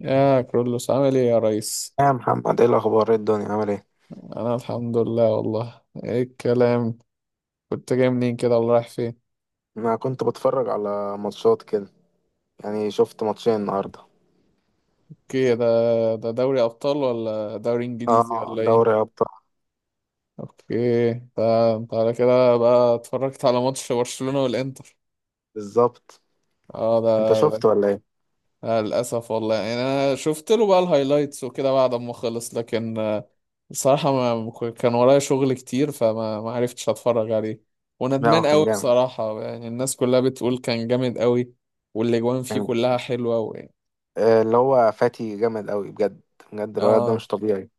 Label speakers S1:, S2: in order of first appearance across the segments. S1: يا كرولوس، عامل ايه يا ريس؟
S2: يا محمد، ايه الاخبار؟ ايه الدنيا عامل ايه؟
S1: انا الحمد لله. والله ايه الكلام؟ كنت جاي منين كده ولا رايح فين؟
S2: انا كنت بتفرج على ماتشات كده، يعني شفت ماتشين النهارده.
S1: اوكي. ده ده دوري ابطال ولا دوري انجليزي
S2: اه،
S1: ولا ايه؟
S2: دوري ابطال.
S1: اوكي، ده انت على كده بقى اتفرجت على ماتش برشلونة والانتر.
S2: بالظبط.
S1: اه ده.
S2: انت شفت ولا ايه؟
S1: آه، للأسف والله، أنا شفت له بقى الهايلايتس وكده بعد ما خلص، لكن بصراحة ما ك- كان ورايا شغل كتير، فما ما عرفتش أتفرج عليه،
S2: لا هو
S1: وندمان قوي
S2: كان جامد.
S1: بصراحة. يعني الناس كلها بتقول كان جامد قوي، والأجوان فيه
S2: كان
S1: كلها حلوة
S2: اللي هو فاتي جامد قوي بجد. بجد الولد ده
S1: آه،
S2: مش طبيعي،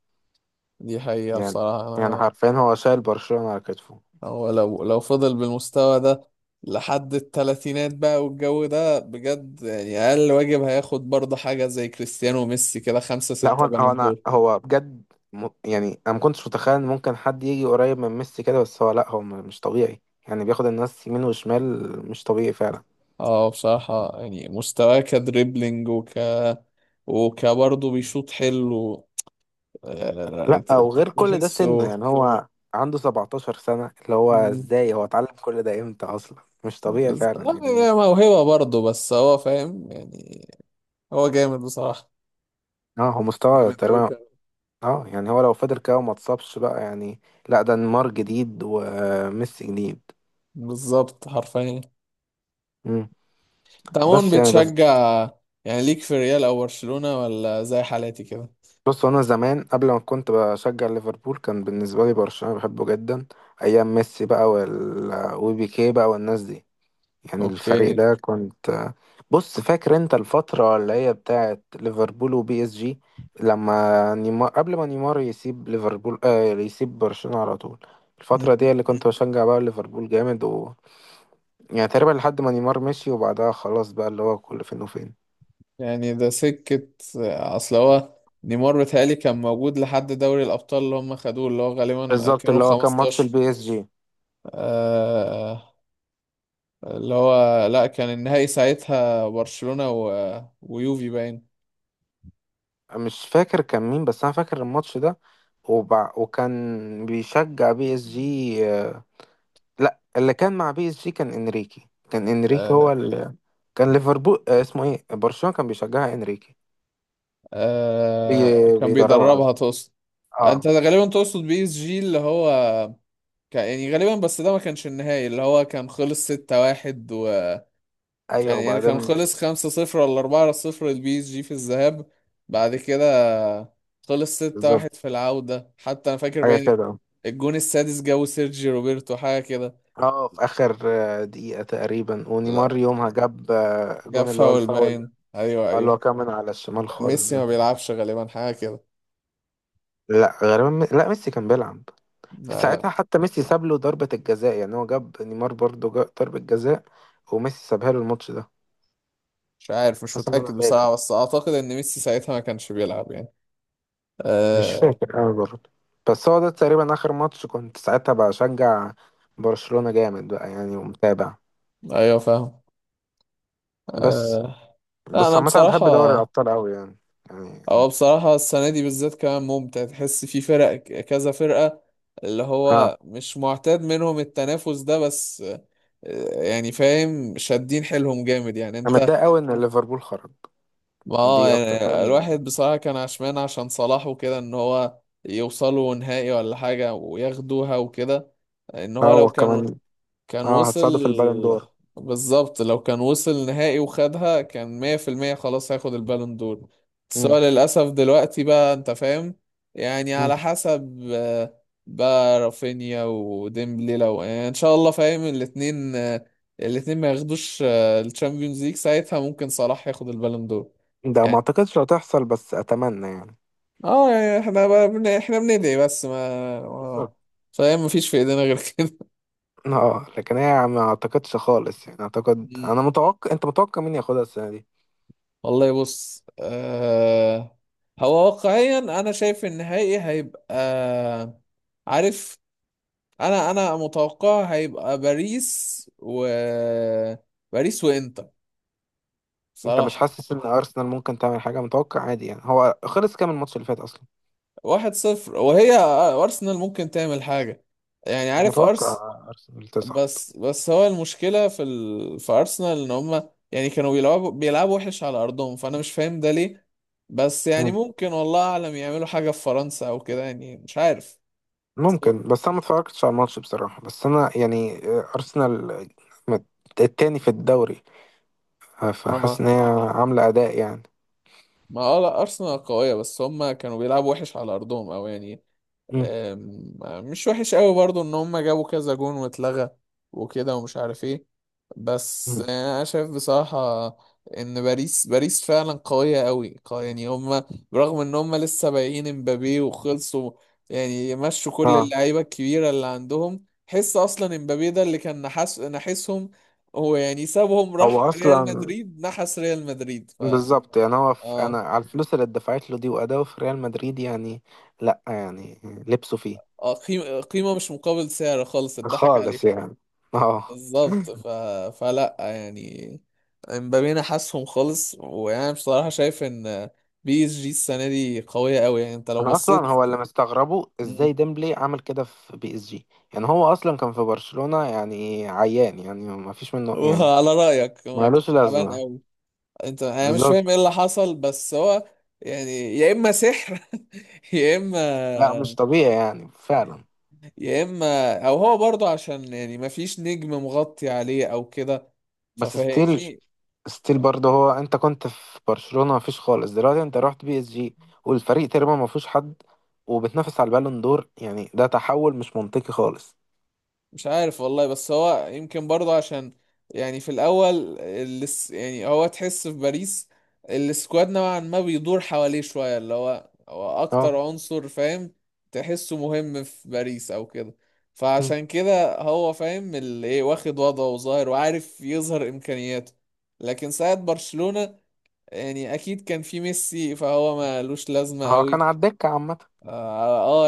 S1: دي حقيقة
S2: يعني
S1: بصراحة. أنا
S2: حرفيا هو شايل برشلونة على كتفه.
S1: هو لو فضل بالمستوى ده لحد التلاتينات بقى والجو ده بجد، يعني أقل واجب هياخد برضه حاجة زي كريستيانو وميسي كده، خمسة
S2: لا هو
S1: ستة
S2: هو
S1: بالون
S2: انا
S1: دور.
S2: هو بجد. يعني انا ما كنتش متخيل إن ممكن حد يجي قريب من ميسي كده، بس هو لا مش طبيعي. يعني بياخد الناس يمين وشمال، مش طبيعي فعلا.
S1: اه بصراحة، يعني مستواه كدريبلينج وكبرضه بيشوط حلو. آه،
S2: لا وغير كل ده سنه،
S1: تحسه.
S2: يعني هو عنده 17 سنة. اللي هو
S1: مم.
S2: ازاي هو اتعلم كل ده؟ امتى اصلا؟ مش طبيعي فعلا
S1: هي
S2: يعني.
S1: موهبة برضه، بس هو فاهم يعني. هو جامد بصراحة،
S2: اه هو مستوى
S1: جامد أوي
S2: تقريبا.
S1: كمان.
S2: اه يعني هو لو فضل كده وما اتصابش بقى، يعني لا ده نيمار جديد وميسي جديد.
S1: بالظبط حرفيا.
S2: مم.
S1: انت
S2: بس
S1: عموما
S2: يعني بس
S1: بتشجع يعني، ليك في ريال أو برشلونة، ولا زي حالاتي كده؟
S2: بص انا زمان قبل ما كنت بشجع ليفربول، كان بالنسبة لي برشلونة بحبه جدا، ايام ميسي بقى وبيكيه بقى والناس دي. يعني الفريق
S1: اوكي.
S2: ده كنت. بص، فاكر انت الفترة اللي هي بتاعت ليفربول وبي اس جي، لما نيمار قبل ما نيمار يسيب ليفربول، آه يسيب برشلونة على طول. الفترة دي اللي كنت بشجع بقى ليفربول جامد، و يعني تقريبا لحد ما نيمار مشي وبعدها خلاص بقى، اللي هو كل فين وفين.
S1: يعني ده سكة. أصل هو نيمار بيتهيألي كان موجود لحد دوري الأبطال اللي هم خدوه، اللي هو غالبا
S2: بالظبط، اللي هو كان ماتش
S1: 2015.
S2: البي اس جي.
S1: آه، اللي هو لأ، كان النهائي ساعتها برشلونة ويوفي باين.
S2: مش فاكر كان مين بس انا فاكر الماتش ده. وكان بيشجع بي اس جي، لا اللي كان مع بي اس جي كان انريكي. كان انريكي
S1: آه.
S2: هو كان ليفربول، اسمه ايه، برشلونة كان بيشجعها انريكي. بي...
S1: آه، كان
S2: بيدربها
S1: بيدربها
S2: قصدي.
S1: تقصد. أنت
S2: اه.
S1: ده غالبا تقصد بي إس جي، اللي هو يعني غالبا، بس ده ما كانش النهائي اللي هو كان خلص 6-1.
S2: ايوه،
S1: كان يعني كان
S2: وبعدين؟
S1: خلص 5-0 ولا 4-0 للبي اس جي في الذهاب، بعد كده خلص 6-1
S2: بالظبط.
S1: في العودة. حتى أنا فاكر
S2: حاجة
S1: باين
S2: كده.
S1: الجون السادس جابه سيرجي روبرتو حاجة كده.
S2: اه في اخر دقيقة تقريبا ونيمار
S1: لا،
S2: يومها جاب
S1: جاب
S2: جون، اللي هو
S1: فاول
S2: الفاول ده،
S1: باين، أيوه
S2: اللي
S1: أيوه.
S2: هو كان من على الشمال
S1: كان
S2: خالص
S1: ميسي
S2: ده.
S1: ما بيلعبش غالبا حاجة كده.
S2: لا غالبا لا ميسي كان بيلعب
S1: لا،
S2: ساعتها، حتى ميسي ساب له ضربة الجزاء. يعني هو جاب نيمار برضه، جاب ضربة جزاء وميسي سابها له الماتش ده،
S1: مش عارف، مش
S2: حسب ما انا
S1: متأكد
S2: فاكر.
S1: بصراحة، بس أعتقد إن ميسي ساعتها ما كانش بيلعب يعني.
S2: مش
S1: آه.
S2: فاكر قوي برضه. بس هو ده تقريبا آخر ماتش كنت ساعتها بشجع برشلونة جامد بقى، يعني ومتابع.
S1: أيوه فاهم.
S2: بس
S1: آه. لا
S2: بس
S1: أنا
S2: عامة أنا
S1: بصراحة،
S2: بحب دوري الأبطال قوي يعني،
S1: هو
S2: يعني
S1: بصراحة السنة دي بالذات كمان ممتع، تحس في فرق كذا فرقة اللي
S2: اه.
S1: هو مش معتاد منهم التنافس ده. بس آه، يعني فاهم، شادين حيلهم جامد يعني
S2: أنا
S1: انت.
S2: متضايق قوي إن ليفربول خرج،
S1: ما هو
S2: دي أكتر حاجة
S1: يعني
S2: يعني.
S1: الواحد بصراحة كان عشمان عشان صلاح وكده، ان هو يوصلوا نهائي ولا حاجة وياخدوها وكده، ان هو
S2: اه
S1: لو كانوا
S2: وكمان
S1: كان
S2: اه
S1: وصل.
S2: هتساعده في البالون دور.
S1: بالظبط، لو كان وصل نهائي وخدها كان مية في المية خلاص هياخد البالون دور. بس هو
S2: مم.
S1: للأسف دلوقتي بقى أنت فاهم، يعني
S2: مم.
S1: على حسب آه، بقى رافينيا وديمبلي لو يعني إن شاء الله فاهم الاتنين آه، الاتنين ما ياخدوش الشامبيونز ليج ساعتها ممكن صلاح ياخد البالون دور.
S2: ده ما
S1: يعني
S2: أعتقدش هتحصل بس أتمنى يعني.
S1: اه، يعني احنا بقى احنا بندعي، بس ما ما-
S2: بالظبط.
S1: فاهم، مفيش في ايدينا غير كده.
S2: اه لكن هي ما أعتقدش خالص يعني. أعتقد، أنا متوقع، أنت متوقع مين ياخدها السنة دي؟
S1: والله بص آه، هو واقعيا انا شايف النهائي هيبقى، عارف، انا متوقع هيبقى باريس باريس وانتر
S2: انت مش
S1: صراحة.
S2: حاسس ان ارسنال ممكن تعمل حاجه؟ متوقع عادي يعني. هو خلص كام الماتش اللي فات اصلا؟
S1: واحد صفر، وهي آه، ارسنال ممكن تعمل حاجة. يعني
S2: أنا
S1: عارف،
S2: متوقع ارسنال تصعد.
S1: بس هو المشكلة في في ارسنال ان هما يعني كانوا بيلعبوا وحش على ارضهم، فانا مش فاهم ده ليه. بس يعني
S2: مم.
S1: ممكن والله اعلم يعملوا حاجة في فرنسا او كده يعني، مش عارف.
S2: ممكن، بس انا ما اتفرجتش على الماتش بصراحه. بس انا يعني ارسنال مت- التاني في الدوري، فحاسس
S1: اه،
S2: ان هي عامله اداء يعني.
S1: ما اه لا، ارسنال قويه، بس هم كانوا بيلعبوا وحش على ارضهم او يعني
S2: مم.
S1: آم، مش وحش قوي برضو ان هم جابوا كذا جون واتلغى وكده، ومش عارف ايه. بس
S2: مم.
S1: انا شايف بصراحه ان باريس فعلا قويه قوي قوية يعني. هم برغم ان هم لسه بايعين امبابي وخلصوا، يعني مشوا كل
S2: اه
S1: اللعيبه الكبيره اللي عندهم، حس اصلا امبابي ده اللي كان نحسهم. هو يعني سابهم
S2: هو
S1: راح ريال
S2: اصلا.
S1: مدريد، نحس ريال مدريد. ف
S2: بالظبط، يعني هو في انا
S1: اه،
S2: على الفلوس اللي اتدفعت له دي واداؤه في ريال مدريد، يعني لا يعني لبسه فيه
S1: اه قيمة مش مقابل سعر خالص، اتضحك عليه.
S2: خالص يعني. اه.
S1: بالظبط. فلا يعني، امبابي انا حاسهم خالص. وانا بصراحة شايف ان بي اس جي السنة دي قوية قوي، يعني انت لو
S2: انا اصلا
S1: بصيت.
S2: هو اللي مستغربه، ازاي
S1: مم.
S2: ديمبلي عمل كده في بي اس جي؟ يعني هو اصلا كان في برشلونة يعني عيان، يعني ما فيش منه يعني،
S1: وعلى رأيك، ما كان
S2: مالوش
S1: تعبان
S2: لازمة.
S1: قوي؟ انت انا مش
S2: بالظبط.
S1: فاهم ايه اللي حصل، بس هو يعني يا اما سحر يا اما،
S2: لا مش طبيعي يعني فعلا.
S1: يا اما او هو برضه عشان يعني ما فيش نجم مغطي عليه او كده،
S2: بس ستيل،
S1: ففهمني.
S2: ستيل برضه، هو انت كنت في برشلونة ما فيش خالص، دلوقتي انت رحت بي اس جي والفريق تقريبا ما فيهوش حد وبتنافس على البالون دور. يعني ده تحول مش منطقي خالص.
S1: مش عارف والله، بس هو يمكن برضه عشان يعني في الاول، يعني هو تحس في باريس السكواد نوعا ما بيدور حواليه شويه، اللي هو هو
S2: اه.
S1: اكتر عنصر فاهم، تحسه مهم في باريس او كده،
S2: مم.
S1: فعشان كده هو فاهم اللي ايه، واخد وضعه وظاهر وعارف يظهر امكانياته. لكن ساعة برشلونة، يعني اكيد كان في ميسي فهو مالوش لازمه
S2: هو كان
S1: قوي.
S2: على الدكة عامة.
S1: اه.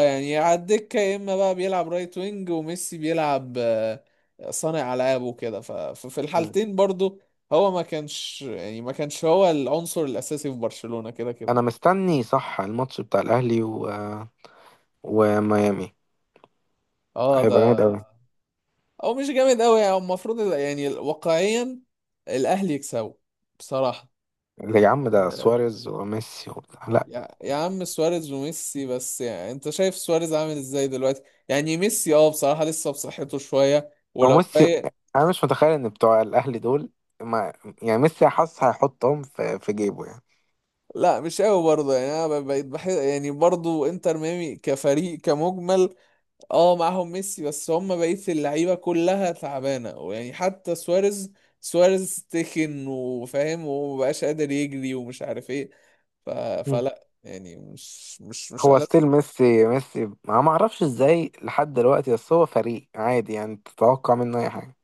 S1: آه، يعني على الدكة، يا اما بقى بيلعب رايت وينج، وميسي بيلعب آه، صانع العاب وكده. ففي
S2: مم.
S1: الحالتين برضو هو ما كانش هو العنصر الاساسي في برشلونة كده كده.
S2: انا مستني صح الماتش بتاع الاهلي وميامي.
S1: اه ده.
S2: هيبقى جامد قوي.
S1: او مش جامد قوي يعني، المفروض يعني واقعيا الاهلي يكسبوا بصراحة.
S2: يا عم ده
S1: آه،
S2: سواريز وميسي وبتاع، لا.
S1: يا يا عم، سواريز وميسي، بس يعني انت شايف سواريز عامل ازاي دلوقتي؟ يعني ميسي اه بصراحة لسه بصحته شوية
S2: هو
S1: ولو
S2: ميسي،
S1: فايق.
S2: انا مش متخيل ان بتوع الاهلي دول ما، يعني ميسي حاسس هيحطهم في جيبه يعني.
S1: لا مش قوي برضه يعني، انا بقيت بحس يعني برضه انتر ميامي كفريق كمجمل. اه معاهم ميسي، بس هم بقيت اللعيبه كلها تعبانه، ويعني حتى سواريز، سواريز تخن وفاهم ومبقاش قادر يجري ومش عارف ايه. ف...
S2: مم.
S1: فلا يعني، مش
S2: هو ستيل ميسي، ميسي ما اعرفش ازاي لحد دلوقتي، بس هو فريق عادي يعني تتوقع منه اي حاجه.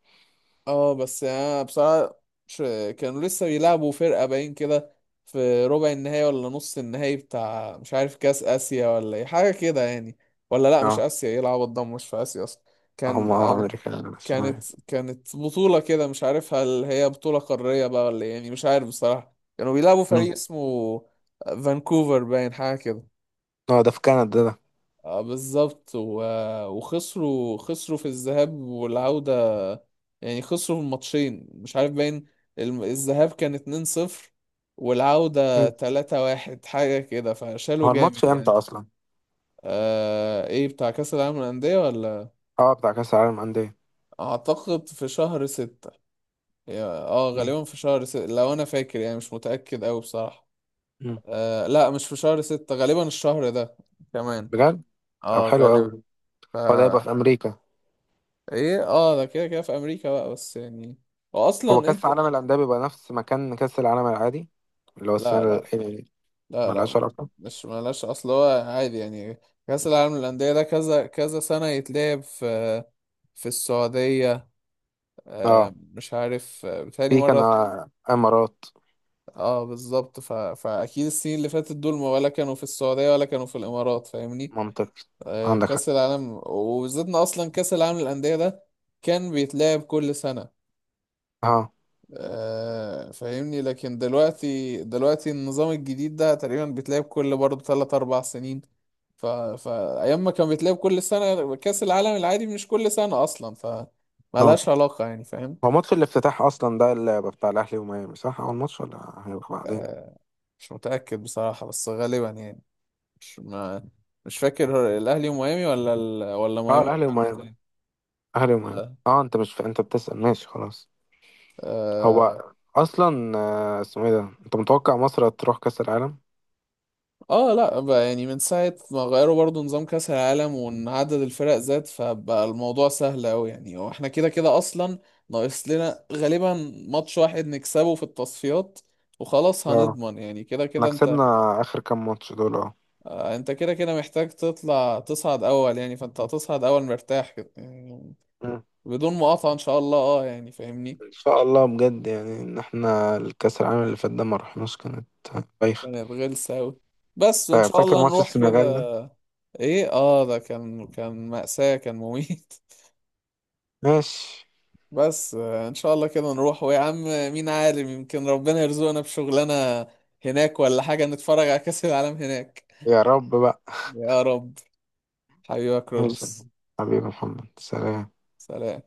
S1: اه. بس يعني انا بصراحة مش، كانوا لسه بيلعبوا فرقة باين كده في ربع النهائي ولا نص النهائي بتاع مش عارف كاس اسيا ولا ايه حاجة كده يعني، ولا لا مش
S2: اه.
S1: اسيا، ايه العبط ده، مش في اسيا اصلا. كان
S2: هم اه
S1: أم-
S2: امريكا
S1: كانت
S2: الشمالية.
S1: كانت بطولة كده مش عارف هل هي بطولة قارية بقى ولا إيه، يعني مش عارف بصراحة. كانوا بيلعبوا
S2: مم.
S1: فريق اسمه فانكوفر باين حاجة كده.
S2: اه ده في كندا ده.
S1: اه بالظبط، وخسروا خسروا في الذهاب والعودة، يعني خسروا الماتشين مش عارف باين، الذهاب كان 2-0 والعودة
S2: مم.
S1: 3-1 حاجة كده،
S2: هو
S1: فشالوا
S2: الماتش
S1: جامد
S2: امتى
S1: يعني.
S2: اصلا؟
S1: آه، ايه بتاع كأس العالم للأندية ولا،
S2: اه بتاع كاس العالم انديه.
S1: أعتقد في شهر ستة. اه
S2: مم.
S1: غالبا في شهر ستة لو أنا فاكر، يعني مش متأكد أوي بصراحة.
S2: مم.
S1: آه لا مش في شهر ستة، غالبا الشهر ده كمان.
S2: بجد؟ طب
S1: اه
S2: حلو
S1: غالبا.
S2: قوي.
S1: ف
S2: هو ده هيبقى في امريكا.
S1: ايه، اه ده كده كده في أمريكا بقى، بس يعني هو
S2: هو
S1: أصلا
S2: كأس
S1: أنت.
S2: العالم الأندية بيبقى نفس مكان كأس العالم العادي، اللي هو
S1: لا
S2: السنة
S1: لا.
S2: يعني،
S1: لا
S2: ملهاش
S1: لا.
S2: علاقة.
S1: مش ملاش، اصل هو عادي يعني. كأس العالم للأندية ده كذا كذا سنة يتلعب في في السعودية، آه،
S2: اه
S1: مش عارف، آه، بتهيألي
S2: في كان
S1: مرة.
S2: إمارات.
S1: اه بالظبط. فأكيد السنين اللي فاتت دول، ما ولا كانوا في السعودية ولا كانوا في الإمارات، فاهمني.
S2: منطقي.
S1: آه،
S2: عندك حق.
S1: كأس العالم، وبالذات إن أصلا كأس العالم للأندية ده كان بيتلعب كل سنة.
S2: اه.
S1: آه، فاهمني، لكن دلوقتي دلوقتي النظام الجديد ده تقريبا بيتلعب كل برضه تلات أربع سنين. فأيام ما كان بيتلعب كل سنة، كأس العالم العادي مش كل سنة أصلا، ف
S2: اه.
S1: ملهاش علاقة يعني فاهم.
S2: هو ماتش الافتتاح أصلا ده اللي هيبقى بتاع الأهلي وميامي صح؟ أول ماتش ولا هيبقى بعدين؟
S1: آه، مش متأكد بصراحة، بس غالبا يعني، مش ما... مش فاكر هو الأهلي وميامي ولا
S2: اه
S1: ميامي.
S2: الأهلي وميامي. الأهلي وميامي.
S1: لا.
S2: اه أنت مش أنت بتسأل، ماشي خلاص.
S1: آه.
S2: هو أصلا اسمه إيه ده، أنت متوقع مصر تروح كأس العالم؟
S1: اه لا بقى، يعني من ساعة ما غيروا برضو نظام كأس العالم، وإن عدد الفرق زاد، فبقى الموضوع سهل أوي يعني، واحنا كده كده أصلا ناقص لنا غالبا ماتش واحد نكسبه في التصفيات وخلاص
S2: اه.
S1: هنضمن، يعني كده
S2: احنا
S1: كده انت.
S2: كسبنا آخر كام ماتش دول؟
S1: آه، انت كده كده محتاج تطلع تصعد اول يعني، فانت هتصعد اول مرتاح كده يعني،
S2: اه
S1: بدون مقاطعة ان شاء الله. اه يعني فاهمني.
S2: ان شاء الله بجد، يعني ان احنا الكاس العالم اللي فات ده ما رحناش، كانت بايخه.
S1: كانت غلسة اوي، بس وان شاء
S2: فاكر
S1: الله
S2: ماتش
S1: نروح
S2: السنغال ده؟
S1: كده. ايه اه ده، كان كان مأساة، كان مميت.
S2: ماشي.
S1: بس آه، ان شاء الله كده نروح، ويا عم مين عالم يمكن ربنا يرزقنا بشغلانة هناك ولا حاجة نتفرج على كأس العالم هناك.
S2: يا رب بقى.
S1: يا رب. حبيبك
S2: ماشي.
S1: رولس.
S2: حبيبي محمد، سلام.
S1: سلام.